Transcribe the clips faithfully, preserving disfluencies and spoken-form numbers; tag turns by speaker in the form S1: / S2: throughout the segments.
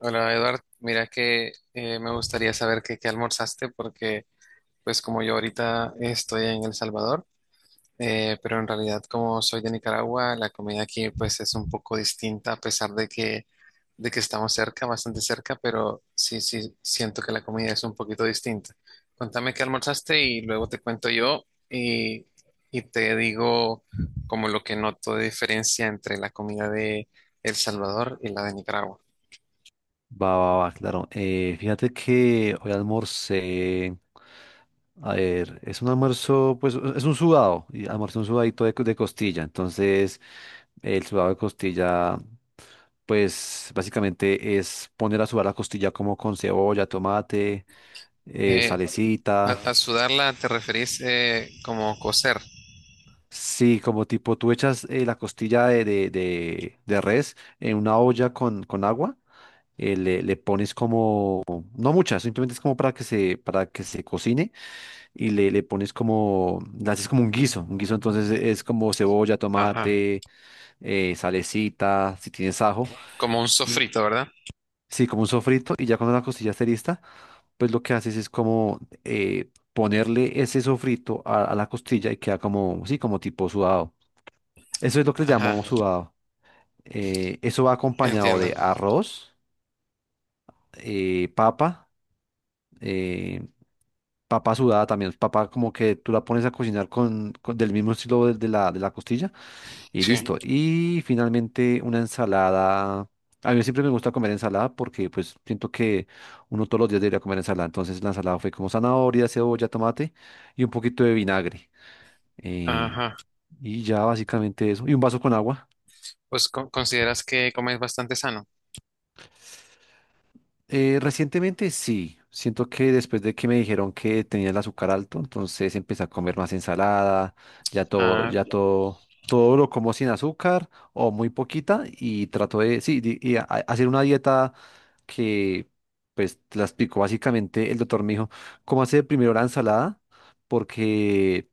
S1: Hola Eduard, mira que eh, me gustaría saber qué qué almorzaste porque pues como yo ahorita estoy en El Salvador, eh, pero en realidad como soy de Nicaragua, la comida aquí pues es un poco distinta a pesar de que, de que estamos cerca, bastante cerca, pero sí, sí, siento que la comida es un poquito distinta. Contame qué almorzaste y luego te cuento yo y, y te digo como lo que noto de diferencia entre la comida de El Salvador y la de Nicaragua.
S2: Va, va, va, claro. Eh, fíjate que hoy almorcé. A ver, es un almuerzo, pues es un sudado. Y almuerzo un sudadito de, co- de costilla. Entonces, el sudado de costilla, pues básicamente es poner a sudar la costilla como con cebolla, tomate, eh,
S1: Eh, A,
S2: salecita.
S1: a sudarla te referís eh, como coser.
S2: Sí, como tipo tú echas eh, la costilla de, de- de- de res en una olla con, con agua, eh, le, le pones como. No muchas, simplemente es como para que se, para que se cocine y le, le pones como, le haces como un guiso. Un guiso entonces es como cebolla,
S1: Ajá.
S2: tomate, eh, salecita, si tienes ajo,
S1: Como un
S2: y
S1: sofrito, ¿verdad?
S2: sí, como un sofrito. Y ya cuando la costilla esté lista, pues lo que haces es como eh, ponerle ese sofrito a, a la costilla y queda como, sí, como tipo sudado. Eso es lo que le
S1: Ajá,
S2: llamamos
S1: como
S2: sudado. Eh, eso va acompañado
S1: entiendo,
S2: de
S1: frijol.
S2: arroz, eh, papa. eh, Papa sudada también, papa como que tú la pones a cocinar con, con- del mismo estilo de, de la, de la costilla y
S1: Sí.
S2: listo. Y finalmente una ensalada. A mí siempre me gusta comer ensalada porque pues siento que uno todos los días debería comer ensalada. Entonces la ensalada fue como zanahoria, cebolla, tomate y un poquito de vinagre. Eh,
S1: Ajá.
S2: y ya básicamente eso. Y un vaso con agua.
S1: Pues co- consideras que comes bastante sano.
S2: Eh, recientemente sí, siento que después de que me dijeron que tenía el azúcar alto, entonces empecé a comer más ensalada, ya todo,
S1: Ah,
S2: ya
S1: Eh,
S2: todo, todo lo como sin azúcar o muy poquita y trato de, sí, di- y a- a- hacer una dieta que, pues, te la explicó básicamente el doctor me dijo, cómo hacer primero la ensalada, porque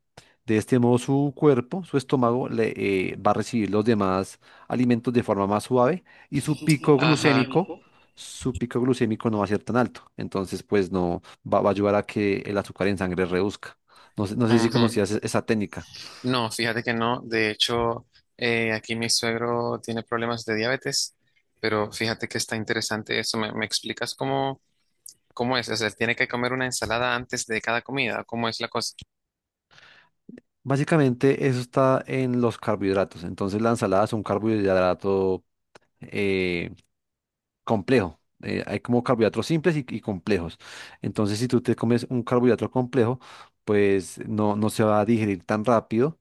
S2: de este modo su cuerpo, su estómago, le, eh, va a recibir los demás alimentos de forma más suave y su
S1: ¿y
S2: pico
S1: ajá.
S2: glucémico su pico glucémico no va a ser tan alto. Entonces, pues no va, va a ayudar a que el azúcar en sangre reduzca. No sé, no sé si conocías
S1: Ujú.
S2: e- esa técnica.
S1: No, fíjate que no. De hecho, eh, aquí mi suegro tiene problemas de diabetes, pero fíjate que está interesante eso. ¿Me, me explicas cómo, cómo es? O sea, ¿tiene que comer una ensalada antes de cada comida? ¿Cómo es la cosa?
S2: Básicamente, eso está en los carbohidratos. Entonces, la ensalada es un carbohidrato eh, complejo. Eh, hay como carbohidratos simples y, y complejos. Entonces, si tú te comes un carbohidrato complejo, pues no, no se va a digerir tan rápido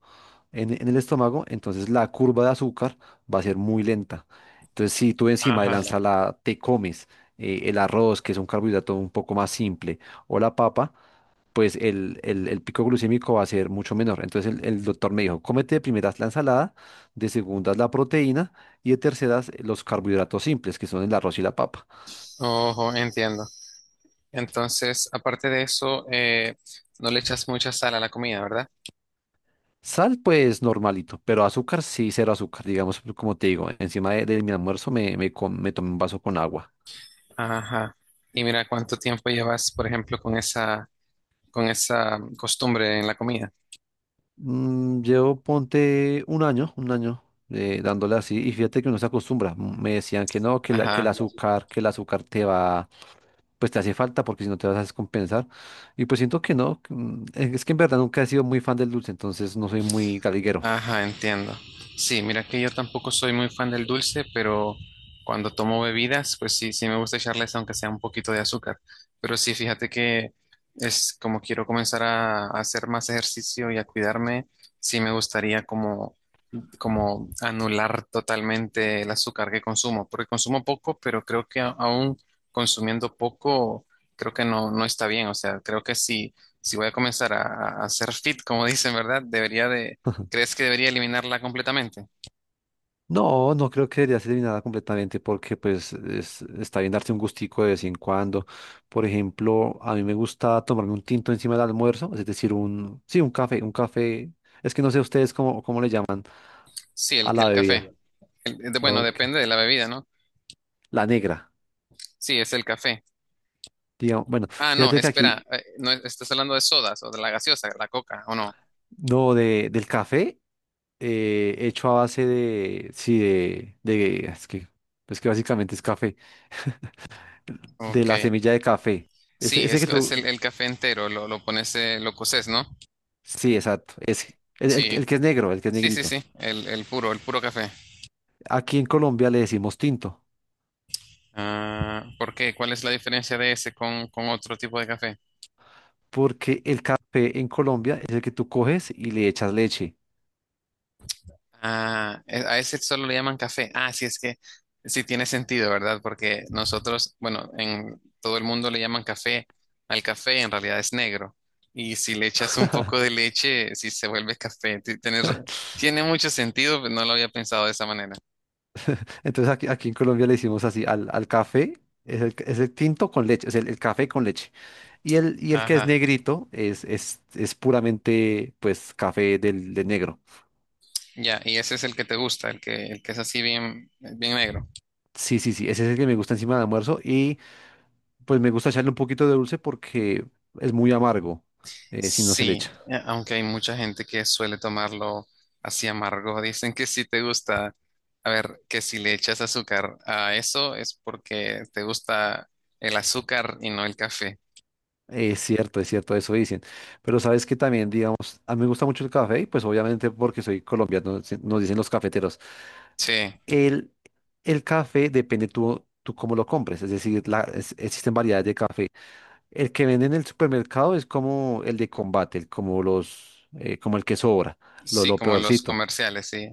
S2: en, en el estómago, entonces la curva de azúcar va a ser muy lenta. Entonces, si tú encima de la
S1: Ajá.
S2: ensalada te comes eh, el arroz, que es un carbohidrato un poco más simple, o la papa, pues el, el- el pico glucémico va a ser mucho menor. Entonces el, el doctor me dijo, cómete de primeras la ensalada, de segundas la proteína y de terceras eh, los carbohidratos simples, que son el arroz y la papa.
S1: Ojo, entiendo. Entonces, aparte de eso, eh, no le echas mucha sal a la comida, ¿verdad?
S2: Sal, pues normalito, pero azúcar sí, cero azúcar. Digamos, pues, como te digo, encima de, de mi almuerzo me, me, com- me tomé un vaso con agua.
S1: Ajá. Y mira cuánto tiempo llevas, por ejemplo, con esa, con esa costumbre en la comida.
S2: Mm, llevo, ponte un año, un año eh, dándole así y fíjate que uno se acostumbra. Mm, Me decían que no, que, la, que el
S1: Ajá.
S2: azúcar, que el azúcar te va, pues te hace falta porque si no te vas a descompensar. Y pues siento que no, que, mm, es que en verdad nunca he sido muy fan del dulce, entonces no soy muy galiguero.
S1: Ajá, entiendo. Sí, mira que yo tampoco soy muy fan del dulce, pero cuando tomo bebidas, pues sí, sí me gusta echarles aunque sea un poquito de azúcar. Pero sí, fíjate que es como quiero comenzar a, a hacer más ejercicio y a cuidarme, sí me gustaría como como anular totalmente el azúcar que consumo, porque consumo poco, pero creo que a- aún consumiendo poco, creo que no, no está bien. O sea, creo que si, si voy a comenzar a, a hacer fit, como dicen, ¿verdad? Debería de, ¿crees que debería eliminarla completamente?
S2: No, no creo que debería ser eliminada completamente porque pues es- está bien darse un gustico de vez en cuando. Por ejemplo, a mí me gusta tomarme un tinto encima del almuerzo, es decir, un, sí, un café, un café. Es que no sé ustedes cómo, cómo le llaman
S1: Sí, el,
S2: a la
S1: el
S2: bebida.
S1: café. El- de- bueno,
S2: Ok.
S1: depende de la bebida, ¿no?
S2: La negra.
S1: Sí, es el café.
S2: Digamos, bueno,
S1: Ah, no, sí,
S2: fíjate que aquí,
S1: espera, eh, no, estás hablando de sodas o de la gaseosa, la coca, ¿o no?
S2: no, de, del café, eh, hecho a base de, sí, de, de, es que, es que básicamente es café, de la
S1: Ok.
S2: semilla de café. Ese,
S1: Sí, sí,
S2: ese
S1: es,
S2: que
S1: es
S2: tú,
S1: el, el café entero, lo, lo pones, eh, lo coces, ¿no?
S2: sí, exacto, ese. El, el que
S1: Sí.
S2: el que es negro, el que es
S1: Sí, sí,
S2: negrito.
S1: sí, el, el puro, el puro café.
S2: Aquí en Colombia le decimos tinto,
S1: Ah, ¿por qué? ¿Cuál es la diferencia de ese con, con otro tipo de café?
S2: porque el café en Colombia es el que tú coges y le echas leche.
S1: Ah, e- a ese solo le llaman café. Ah, sí, es que sí tiene sentido, ¿verdad? Porque nosotros, bueno, en todo el mundo le llaman café al café, en realidad es negro. Y si le echas un poco de leche, sí se vuelve café. Ti- tienes ra- tiene mucho sentido, pero no lo había pensado de esa manera.
S2: Entonces aquí, aquí en Colombia le decimos así al, al café, es el, es el tinto con leche, es el, el café con leche. Y el, y el que es
S1: Ajá,
S2: negrito es, es, es puramente pues café del, de negro.
S1: ya, y ese es el que te gusta, el que, el que es así bien, bien negro.
S2: Sí, sí, sí, ese es el que me gusta encima del almuerzo y pues me gusta echarle un poquito de dulce porque es muy amargo eh, si no se le
S1: Sí,
S2: echa.
S1: eh, aunque hay mucha gente que suele tomarlo así amargo. Dicen que si te gusta, a ver, que si le echas azúcar a eso es porque te gusta el azúcar y no el café.
S2: Es cierto, es cierto, eso dicen. Pero sabes que también, digamos, a mí me gusta mucho el café y pues obviamente porque soy colombiano, se- nos dicen los cafeteros.
S1: Sí,
S2: El, el café depende tú, tú cómo lo compres, es decir, la- es- existen variedades de café. El que venden en el supermercado es como el de combate, el- como los, eh, como el que sobra, lo,
S1: sí,
S2: lo
S1: como los
S2: peorcito.
S1: comerciales, sí.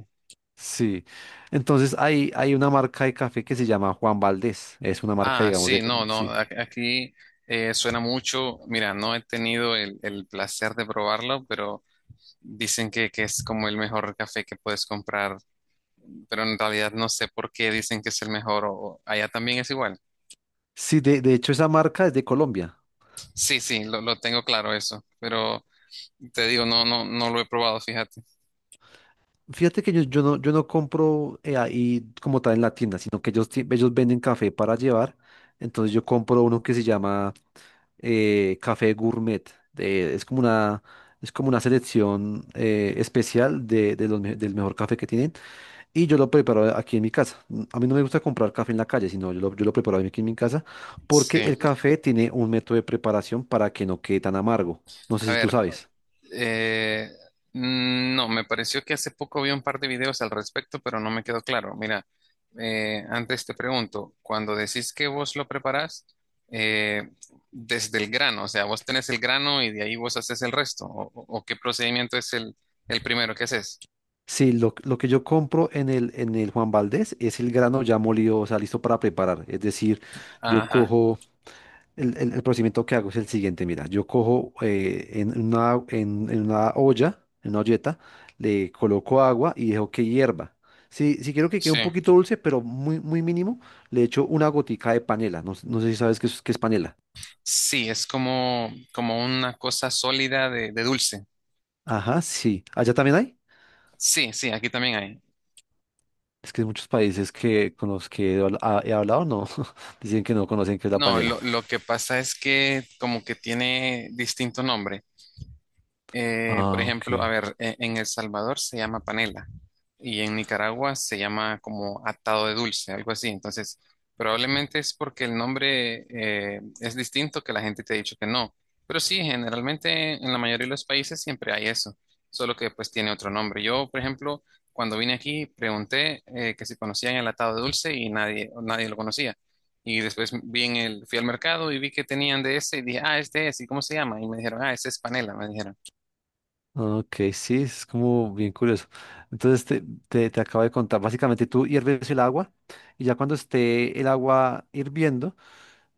S2: Sí. Entonces hay, hay una marca de café que se llama Juan Valdés. Es una marca,
S1: Ah,
S2: digamos,
S1: sí,
S2: de
S1: no, no,
S2: sí.
S1: a- aquí eh, suena mucho. Mira, no he tenido el, el placer de probarlo, pero dicen que, que es como el mejor café que puedes comprar. Pero en realidad no sé por qué dicen que es el mejor o o allá también es igual.
S2: Sí, de, de hecho esa marca es de Colombia.
S1: Sí, sí, lo, lo tengo claro eso, pero te digo, no, no, no lo he probado, fíjate.
S2: Fíjate que yo, yo no, yo no compro eh, ahí como tal en la tienda, sino que ellos, ti- ellos venden café para llevar. Entonces yo compro uno que se llama eh, café gourmet. de- es como una, es como una selección eh, especial de, de los me- del mejor café que tienen. Y yo lo preparo aquí en mi casa. Mm, A mí no me gusta comprar café en la calle, sino yo lo, yo lo preparo aquí en mi casa porque el
S1: Sí,
S2: café tiene un método de preparación para que no quede tan amargo. No sé
S1: a
S2: si tú
S1: ver,
S2: sabes.
S1: eh, mm, no, me pareció que hace poco vi un par de videos al respecto, pero no me quedó claro. Mira, eh, antes te pregunto, cuando decís que vos lo preparás, eh, desde el grano, o sea, vos tenés el grano y de ahí vos haces el resto, o, o- o qué procedimiento es el, el primero que haces.
S2: Sí, lo, lo que yo compro en el, en el Juan Valdés es el grano ya molido, o sea, listo para preparar. Es decir, yo
S1: Ajá,
S2: cojo... El, el- el procedimiento que hago es el siguiente, mira, yo cojo eh, en una, en, en una olla, en una olleta, le coloco agua y dejo que hierva. Si, si quiero que quede
S1: sí.
S2: un poquito dulce, pero muy, muy mínimo, le echo una gotica de panela. No, s- no sé si sabes qué es, qué es panela.
S1: Sí, es como, como una cosa sólida de, de dulce.
S2: Ajá, sí. ¿Allá también hay?
S1: Sí, sí, aquí también hay.
S2: Es que hay muchos países que con los que he, habl- ah, he hablado no dicen que no conocen qué es la
S1: No,
S2: panela.
S1: lo, lo que pasa es que como que tiene distinto nombre. Eh, por
S2: Ah,
S1: ejemplo, a
S2: ok.
S1: ver, e- en El Salvador se llama panela y en Nicaragua se llama como atado de dulce, algo así. Entonces, probablemente es porque el nombre eh, es distinto que la gente te ha dicho que no. Pero sí, generalmente en la mayoría de los países siempre hay eso, solo que pues tiene otro nombre. Yo, por ejemplo, cuando vine aquí pregunté eh, que si conocían el atado de dulce y nadie, nadie lo conocía. Y después vi en el, fui al mercado y vi que tenían de ese y dije, ah, este es, ¿y cómo se llama? Y me dijeron, ah, ese es panela, me dijeron.
S2: Ok, sí, es como bien curioso. Entonces te, te, te acabo de contar, básicamente tú hierves el agua y ya cuando esté el agua hirviendo,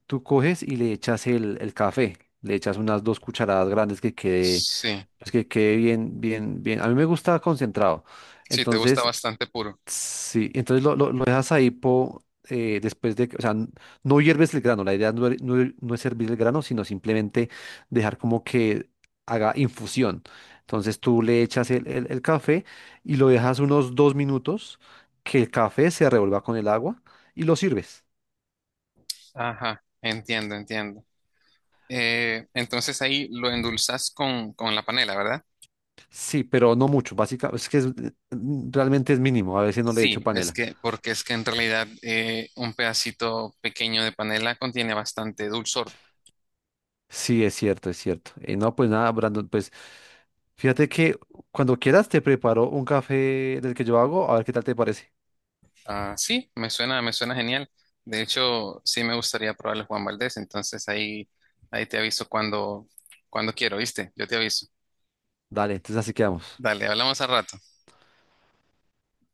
S2: tú coges y le echas el, el café, le echas unas dos cucharadas grandes que quede,
S1: Sí,
S2: pues que quede bien, bien, bien. A mí me gusta concentrado.
S1: sí, te gusta
S2: Entonces
S1: bastante puro.
S2: Sí, entonces lo, lo, lo dejas ahí po, eh, después de, que- o sea, n- no hierves el grano, la idea no, er- no, er- no es hervir el grano, sino simplemente dejar como que haga infusión. Entonces tú le echas el, el- el café y lo dejas unos dos minutos, que el café se revuelva con el agua y lo sirves.
S1: Ajá, entiendo, entiendo. Eh, entonces ahí lo endulzas con, con la panela, ¿verdad?
S2: Sí, pero no mucho, básicamente, es que es- realmente es mínimo, a veces no le echo
S1: Sí, es
S2: panela.
S1: que, porque es que en realidad eh, un pedacito pequeño de panela contiene bastante dulzor.
S2: Sí, es cierto, es cierto. Eh, no, pues nada, Brandon, pues fíjate que cuando quieras te preparo un café del que yo hago, a ver qué tal te parece.
S1: Ah, sí, me suena, me suena genial. De hecho, sí me gustaría probar el Juan Valdés, entonces ahí, ahí te aviso cuando, cuando quiero, ¿viste? Yo te aviso.
S2: Dale, entonces así quedamos.
S1: Dale, hablamos al rato.